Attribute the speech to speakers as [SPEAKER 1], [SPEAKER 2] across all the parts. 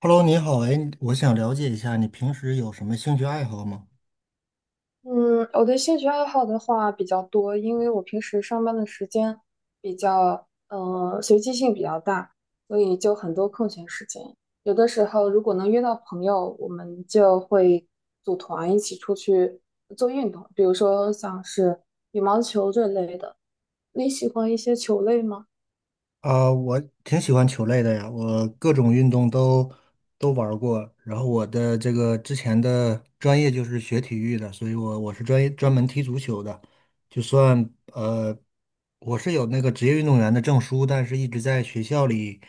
[SPEAKER 1] Hello，你好，哎，我想了解一下你平时有什么兴趣爱好吗？
[SPEAKER 2] 嗯，我的兴趣爱好的话比较多，因为我平时上班的时间比较，随机性比较大，所以就很多空闲时间。有的时候如果能约到朋友，我们就会组团一起出去做运动，比如说像是羽毛球这类的。你喜欢一些球类吗？
[SPEAKER 1] 我挺喜欢球类的呀，我各种运动都玩儿过。然后我的这个之前的专业就是学体育的，所以我是专门踢足球的。就算我是有那个职业运动员的证书，但是一直在学校里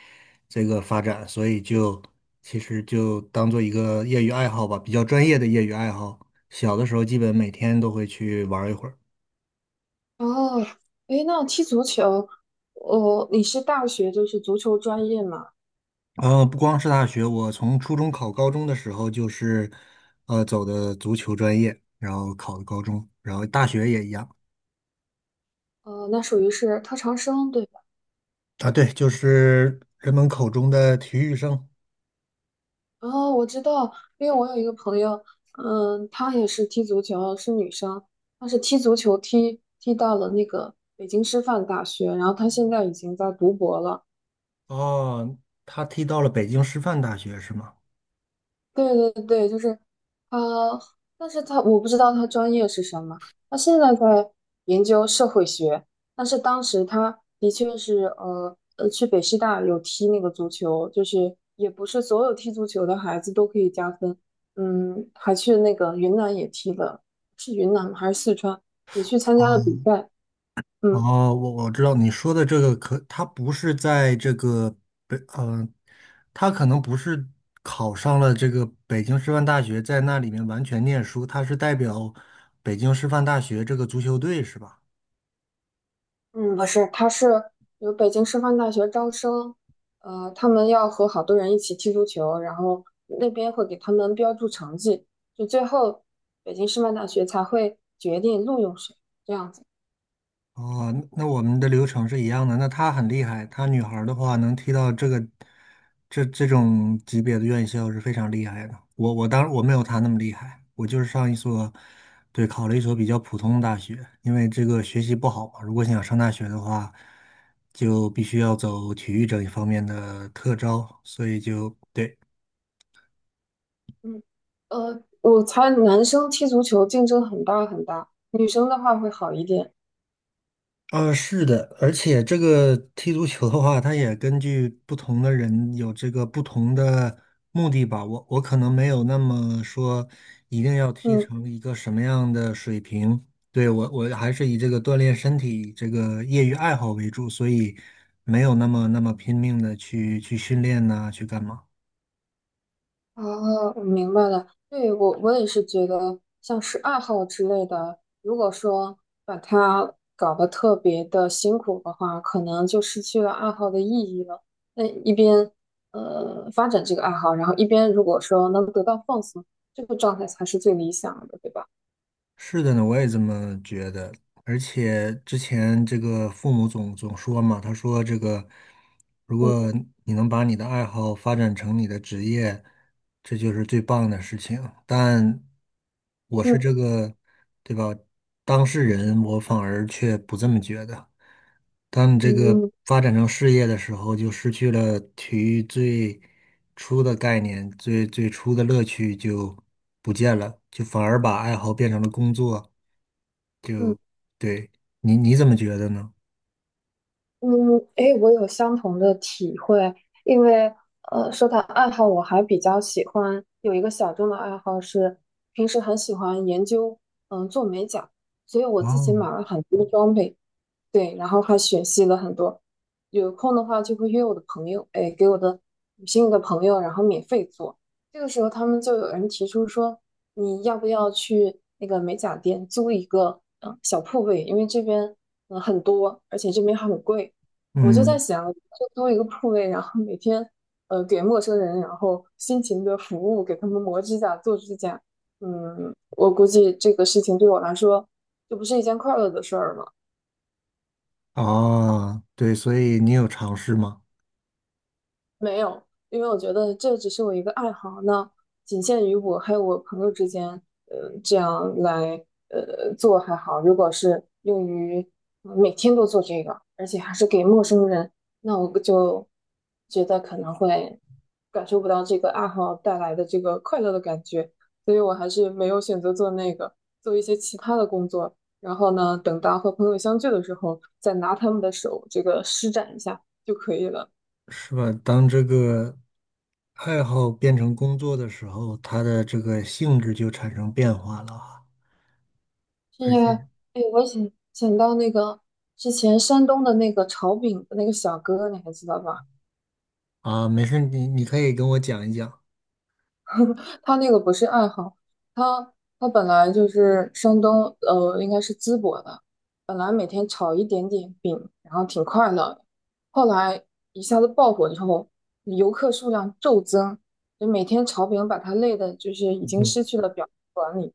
[SPEAKER 1] 这个发展，所以其实就当做一个业余爱好吧，比较专业的业余爱好。小的时候基本每天都会去玩儿一会儿。
[SPEAKER 2] 哦，诶，那踢足球，你是大学就是足球专业嘛？
[SPEAKER 1] 嗯，不光是大学，我从初中考高中的时候就是，走的足球专业，然后考的高中，然后大学也一样
[SPEAKER 2] 那属于是特长生，对。
[SPEAKER 1] 啊。对，就是人们口中的体育生。
[SPEAKER 2] 哦，我知道，因为我有一个朋友，嗯，她也是踢足球，是女生，她是踢足球踢到了那个北京师范大学，然后她现在已经在读博了。
[SPEAKER 1] 哦，他踢到了北京师范大学是吗？
[SPEAKER 2] 对对对，就是他，但是他我不知道他专业是什么，他现在在研究社会学，但是当时他的确是去北师大有踢那个足球，就是也不是所有踢足球的孩子都可以加分，嗯，还去那个云南也踢了，是云南吗还是四川也去参加了比
[SPEAKER 1] 哦，
[SPEAKER 2] 赛，嗯。
[SPEAKER 1] 哦，我知道你说的这个可，他不是在这个北，他可能不是考上了这个北京师范大学，在那里面完全念书，他是代表北京师范大学这个足球队是吧？
[SPEAKER 2] 嗯，不是，他是有北京师范大学招生，他们要和好多人一起踢足球，然后那边会给他们标注成绩，就最后北京师范大学才会决定录用谁，这样子。
[SPEAKER 1] 哦，那我们的流程是一样的。那她很厉害，她女孩儿的话能踢到这个这种级别的院校是非常厉害的。我当然我没有她那么厉害，我就是上一所，对，考了一所比较普通的大学，因为这个学习不好嘛。如果想上大学的话，就必须要走体育这一方面的特招，所以就对。
[SPEAKER 2] 嗯，我猜男生踢足球竞争很大很大，女生的话会好一点。
[SPEAKER 1] 啊，是的，而且这个踢足球的话，它也根据不同的人有这个不同的目的吧。我可能没有那么说一定要踢
[SPEAKER 2] 嗯。
[SPEAKER 1] 成一个什么样的水平。对，我还是以这个锻炼身体这个业余爱好为主，所以没有那么拼命的去训练呐、去干嘛。
[SPEAKER 2] 哦，我明白了。对，我也是觉得，像是爱好之类的，如果说把它搞得特别的辛苦的话，可能就失去了爱好的意义了。那一边发展这个爱好，然后一边如果说能得到放松，这个状态才是最理想的，对吧？
[SPEAKER 1] 是的呢，我也这么觉得。而且之前这个父母总说嘛，他说这个，如
[SPEAKER 2] 嗯
[SPEAKER 1] 果你能把你的爱好发展成你的职业，这就是最棒的事情。但我是
[SPEAKER 2] 嗯。
[SPEAKER 1] 这个，对吧？当事人，我反而却不这么觉得。当你
[SPEAKER 2] 嗯
[SPEAKER 1] 这个
[SPEAKER 2] 嗯。
[SPEAKER 1] 发展成事业的时候，就失去了体育最初的概念，最初的乐趣就不见了，就反而把爱好变成了工作。
[SPEAKER 2] 嗯
[SPEAKER 1] 就对你怎么觉得呢？
[SPEAKER 2] 嗯，诶，我有相同的体会，因为说到爱好，我还比较喜欢有一个小众的爱好是，平时很喜欢研究，做美甲，所以我自己
[SPEAKER 1] 哦，
[SPEAKER 2] 买了很多装备，对，然后还学习了很多。有空的话就会约我的朋友，哎，给我的女性的朋友，然后免费做。这个时候他们就有人提出说，你要不要去那个美甲店租一个小铺位？因为这边很多，而且这边还很贵。我就在
[SPEAKER 1] 嗯，
[SPEAKER 2] 想，就租一个铺位，然后每天给陌生人，然后辛勤的服务，给他们磨指甲、做指甲。嗯，我估计这个事情对我来说，这不是一件快乐的事儿吗？
[SPEAKER 1] 啊，对，所以你有尝试吗？
[SPEAKER 2] 没有，因为我觉得这只是我一个爱好，那仅限于我还有我朋友之间，这样来做还好。如果是用于每天都做这个，而且还是给陌生人，那我就觉得可能会感受不到这个爱好带来的这个快乐的感觉，所以我还是没有选择做那个，做一些其他的工作。然后呢，等到和朋友相聚的时候，再拿他们的手这个施展一下就可以了。
[SPEAKER 1] 是吧？当这个爱好变成工作的时候，它的这个性质就产生变化了啊
[SPEAKER 2] 这
[SPEAKER 1] 而
[SPEAKER 2] 个，
[SPEAKER 1] 且
[SPEAKER 2] 哎，我想想到那个之前山东的那个炒饼的那个小哥，你还记得吧？
[SPEAKER 1] 啊，没事，你可以跟我讲一讲。
[SPEAKER 2] 他那个不是爱好，他他本来就是山东，应该是淄博的，本来每天炒一点点饼，然后挺快乐的，后来一下子爆火之后，游客数量骤增，就每天炒饼把他累的，就是已经失 去了表达管理，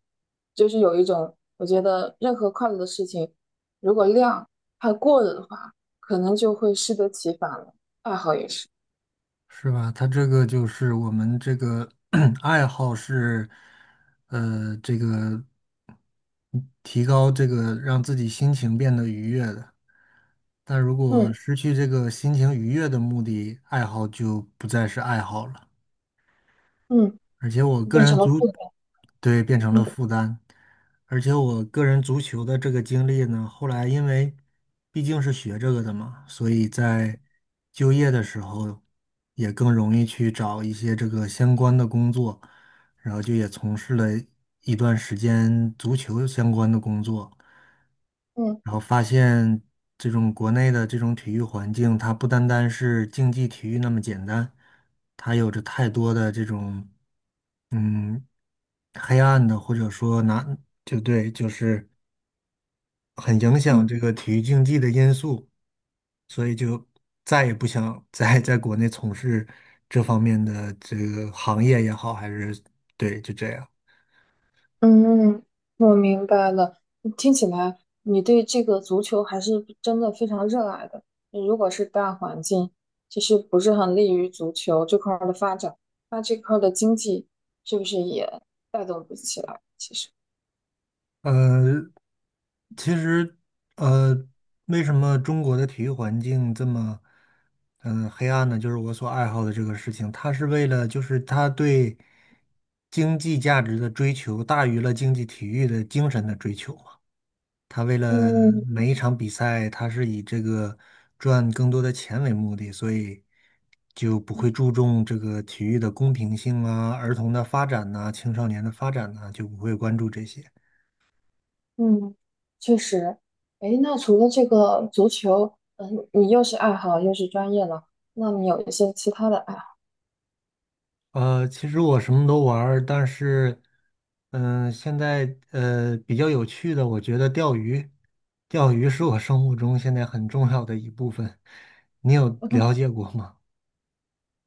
[SPEAKER 2] 就是有一种我觉得任何快乐的事情，如果量太过了的话，可能就会适得其反了，爱好也是。
[SPEAKER 1] 是吧？他这个就是我们这个 爱好是，这个提高这个让自己心情变得愉悦的。但如果
[SPEAKER 2] 嗯。
[SPEAKER 1] 失去这个心情愉悦的目的，爱好就不再是爱好了。
[SPEAKER 2] 嗯，
[SPEAKER 1] 而且我个
[SPEAKER 2] 变成
[SPEAKER 1] 人
[SPEAKER 2] 了负
[SPEAKER 1] 足，
[SPEAKER 2] 担。
[SPEAKER 1] 对，变成了
[SPEAKER 2] 嗯。
[SPEAKER 1] 负担。而且我个人足球的这个经历呢，后来因为毕竟是学这个的嘛，所以在就业的时候也更容易去找一些这个相关的工作，然后就也从事了一段时间足球相关的工作，
[SPEAKER 2] 嗯。
[SPEAKER 1] 然后发现这种国内的这种体育环境，它不单单是竞技体育那么简单，它有着太多的这种。嗯，黑暗的，或者说难，就对，就是很影响
[SPEAKER 2] 嗯，
[SPEAKER 1] 这个体育竞技的因素，所以就再也不想 再在国内从事这方面的这个行业也好，还是对，就这样。
[SPEAKER 2] 嗯，我明白了。听起来你对这个足球还是真的非常热爱的。如果是大环境其实不是很利于足球这块儿的发展，那这块儿的经济是不是也带动不起来？其实，
[SPEAKER 1] 呃，其实，呃，为什么中国的体育环境这么，黑暗呢？就是我所爱好的这个事情，它是为了，就是它对经济价值的追求大于了经济体育的精神的追求嘛。它为了
[SPEAKER 2] 嗯。
[SPEAKER 1] 每一场比赛，它是以这个赚更多的钱为目的，所以就不会注重这个体育的公平性啊、儿童的发展呐、青少年的发展呐、就不会关注这些。
[SPEAKER 2] 嗯，确实。哎，那除了这个足球，嗯，你又是爱好又是专业了，那你有一些其他的爱好？
[SPEAKER 1] 其实我什么都玩儿但是，现在比较有趣的，我觉得钓鱼，钓鱼是我生活中现在很重要的一部分。你有了解过吗？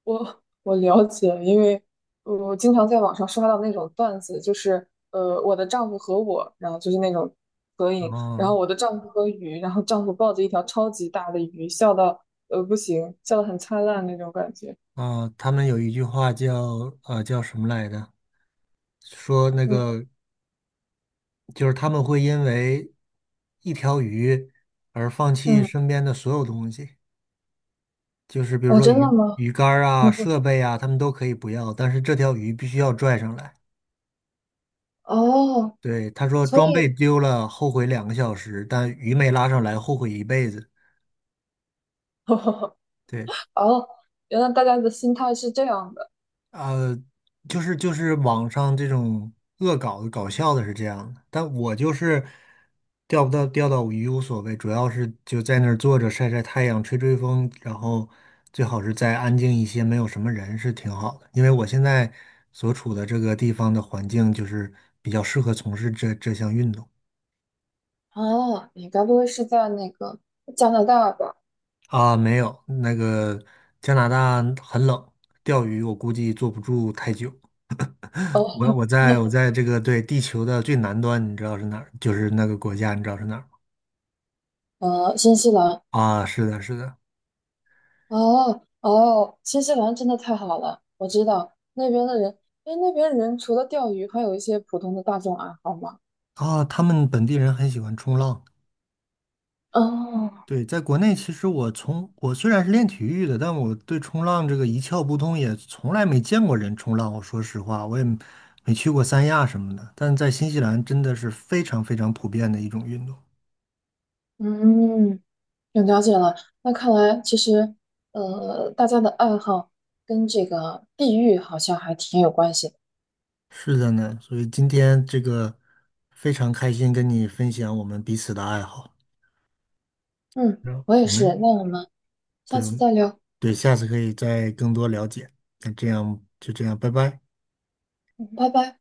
[SPEAKER 2] 我我了解，因为我经常在网上刷到那种段子，就是我的丈夫和我，然后就是那种合影，然
[SPEAKER 1] 嗯
[SPEAKER 2] 后我的丈夫和鱼，然后丈夫抱着一条超级大的鱼，笑到不行，笑得很灿烂那种感觉。
[SPEAKER 1] 哦，他们有一句话叫叫什么来着？说那
[SPEAKER 2] 嗯。
[SPEAKER 1] 个就是他们会因为一条鱼而放弃
[SPEAKER 2] 嗯，
[SPEAKER 1] 身边的所有东西，就是比如
[SPEAKER 2] 哦，
[SPEAKER 1] 说
[SPEAKER 2] 真
[SPEAKER 1] 鱼
[SPEAKER 2] 的吗？
[SPEAKER 1] 鱼竿儿啊、设备啊，他们都可以不要，但是这条鱼必须要拽上来。
[SPEAKER 2] 哦，
[SPEAKER 1] 对，他说
[SPEAKER 2] 所
[SPEAKER 1] 装备
[SPEAKER 2] 以
[SPEAKER 1] 丢了后悔2个小时，但鱼没拉上来后悔一辈子。对，
[SPEAKER 2] 哦，原来大家的心态是这样的。
[SPEAKER 1] 呃，就是网上这种恶搞的搞笑的是这样的，但我就是钓不到钓到鱼无所谓，主要是就在那儿坐着晒晒太阳、吹吹风，然后最好是再安静一些，没有什么人是挺好的。因为我现在所处的这个地方的环境就是比较适合从事这项运动。
[SPEAKER 2] 啊，你该不会是在那个加拿大吧？
[SPEAKER 1] 啊，没有，那个加拿大很冷，钓鱼我估计坐不住太久。
[SPEAKER 2] 哦，
[SPEAKER 1] 我在这个对地球的最南端，你知道是哪儿？就是那个国家，你知道是哪儿吗？
[SPEAKER 2] 新西兰。
[SPEAKER 1] 啊，是的，是的，
[SPEAKER 2] 哦哦，新西兰真的太好了，我知道那边的人，哎，那边人除了钓鱼，还有一些普通的大众爱好嘛。
[SPEAKER 1] 啊，他们本地人很喜欢冲浪。
[SPEAKER 2] 哦，
[SPEAKER 1] 对，在国内，其实我从我虽然是练体育的，但我对冲浪这个一窍不通，也从来没见过人冲浪。我说实话，我也没去过三亚什么的，但在新西兰真的是非常非常普遍的一种运动。
[SPEAKER 2] 嗯，有了解了。那看来其实，大家的爱好跟这个地域好像还挺有关系的。
[SPEAKER 1] 是的呢，所以今天这个非常开心跟你分享我们彼此的爱好，
[SPEAKER 2] 嗯，
[SPEAKER 1] 然
[SPEAKER 2] 我也
[SPEAKER 1] 我
[SPEAKER 2] 是。
[SPEAKER 1] 们
[SPEAKER 2] 那我们下
[SPEAKER 1] 对
[SPEAKER 2] 次再聊，
[SPEAKER 1] 对，下次可以再更多了解。那这样就这样，拜拜。
[SPEAKER 2] 嗯，拜拜。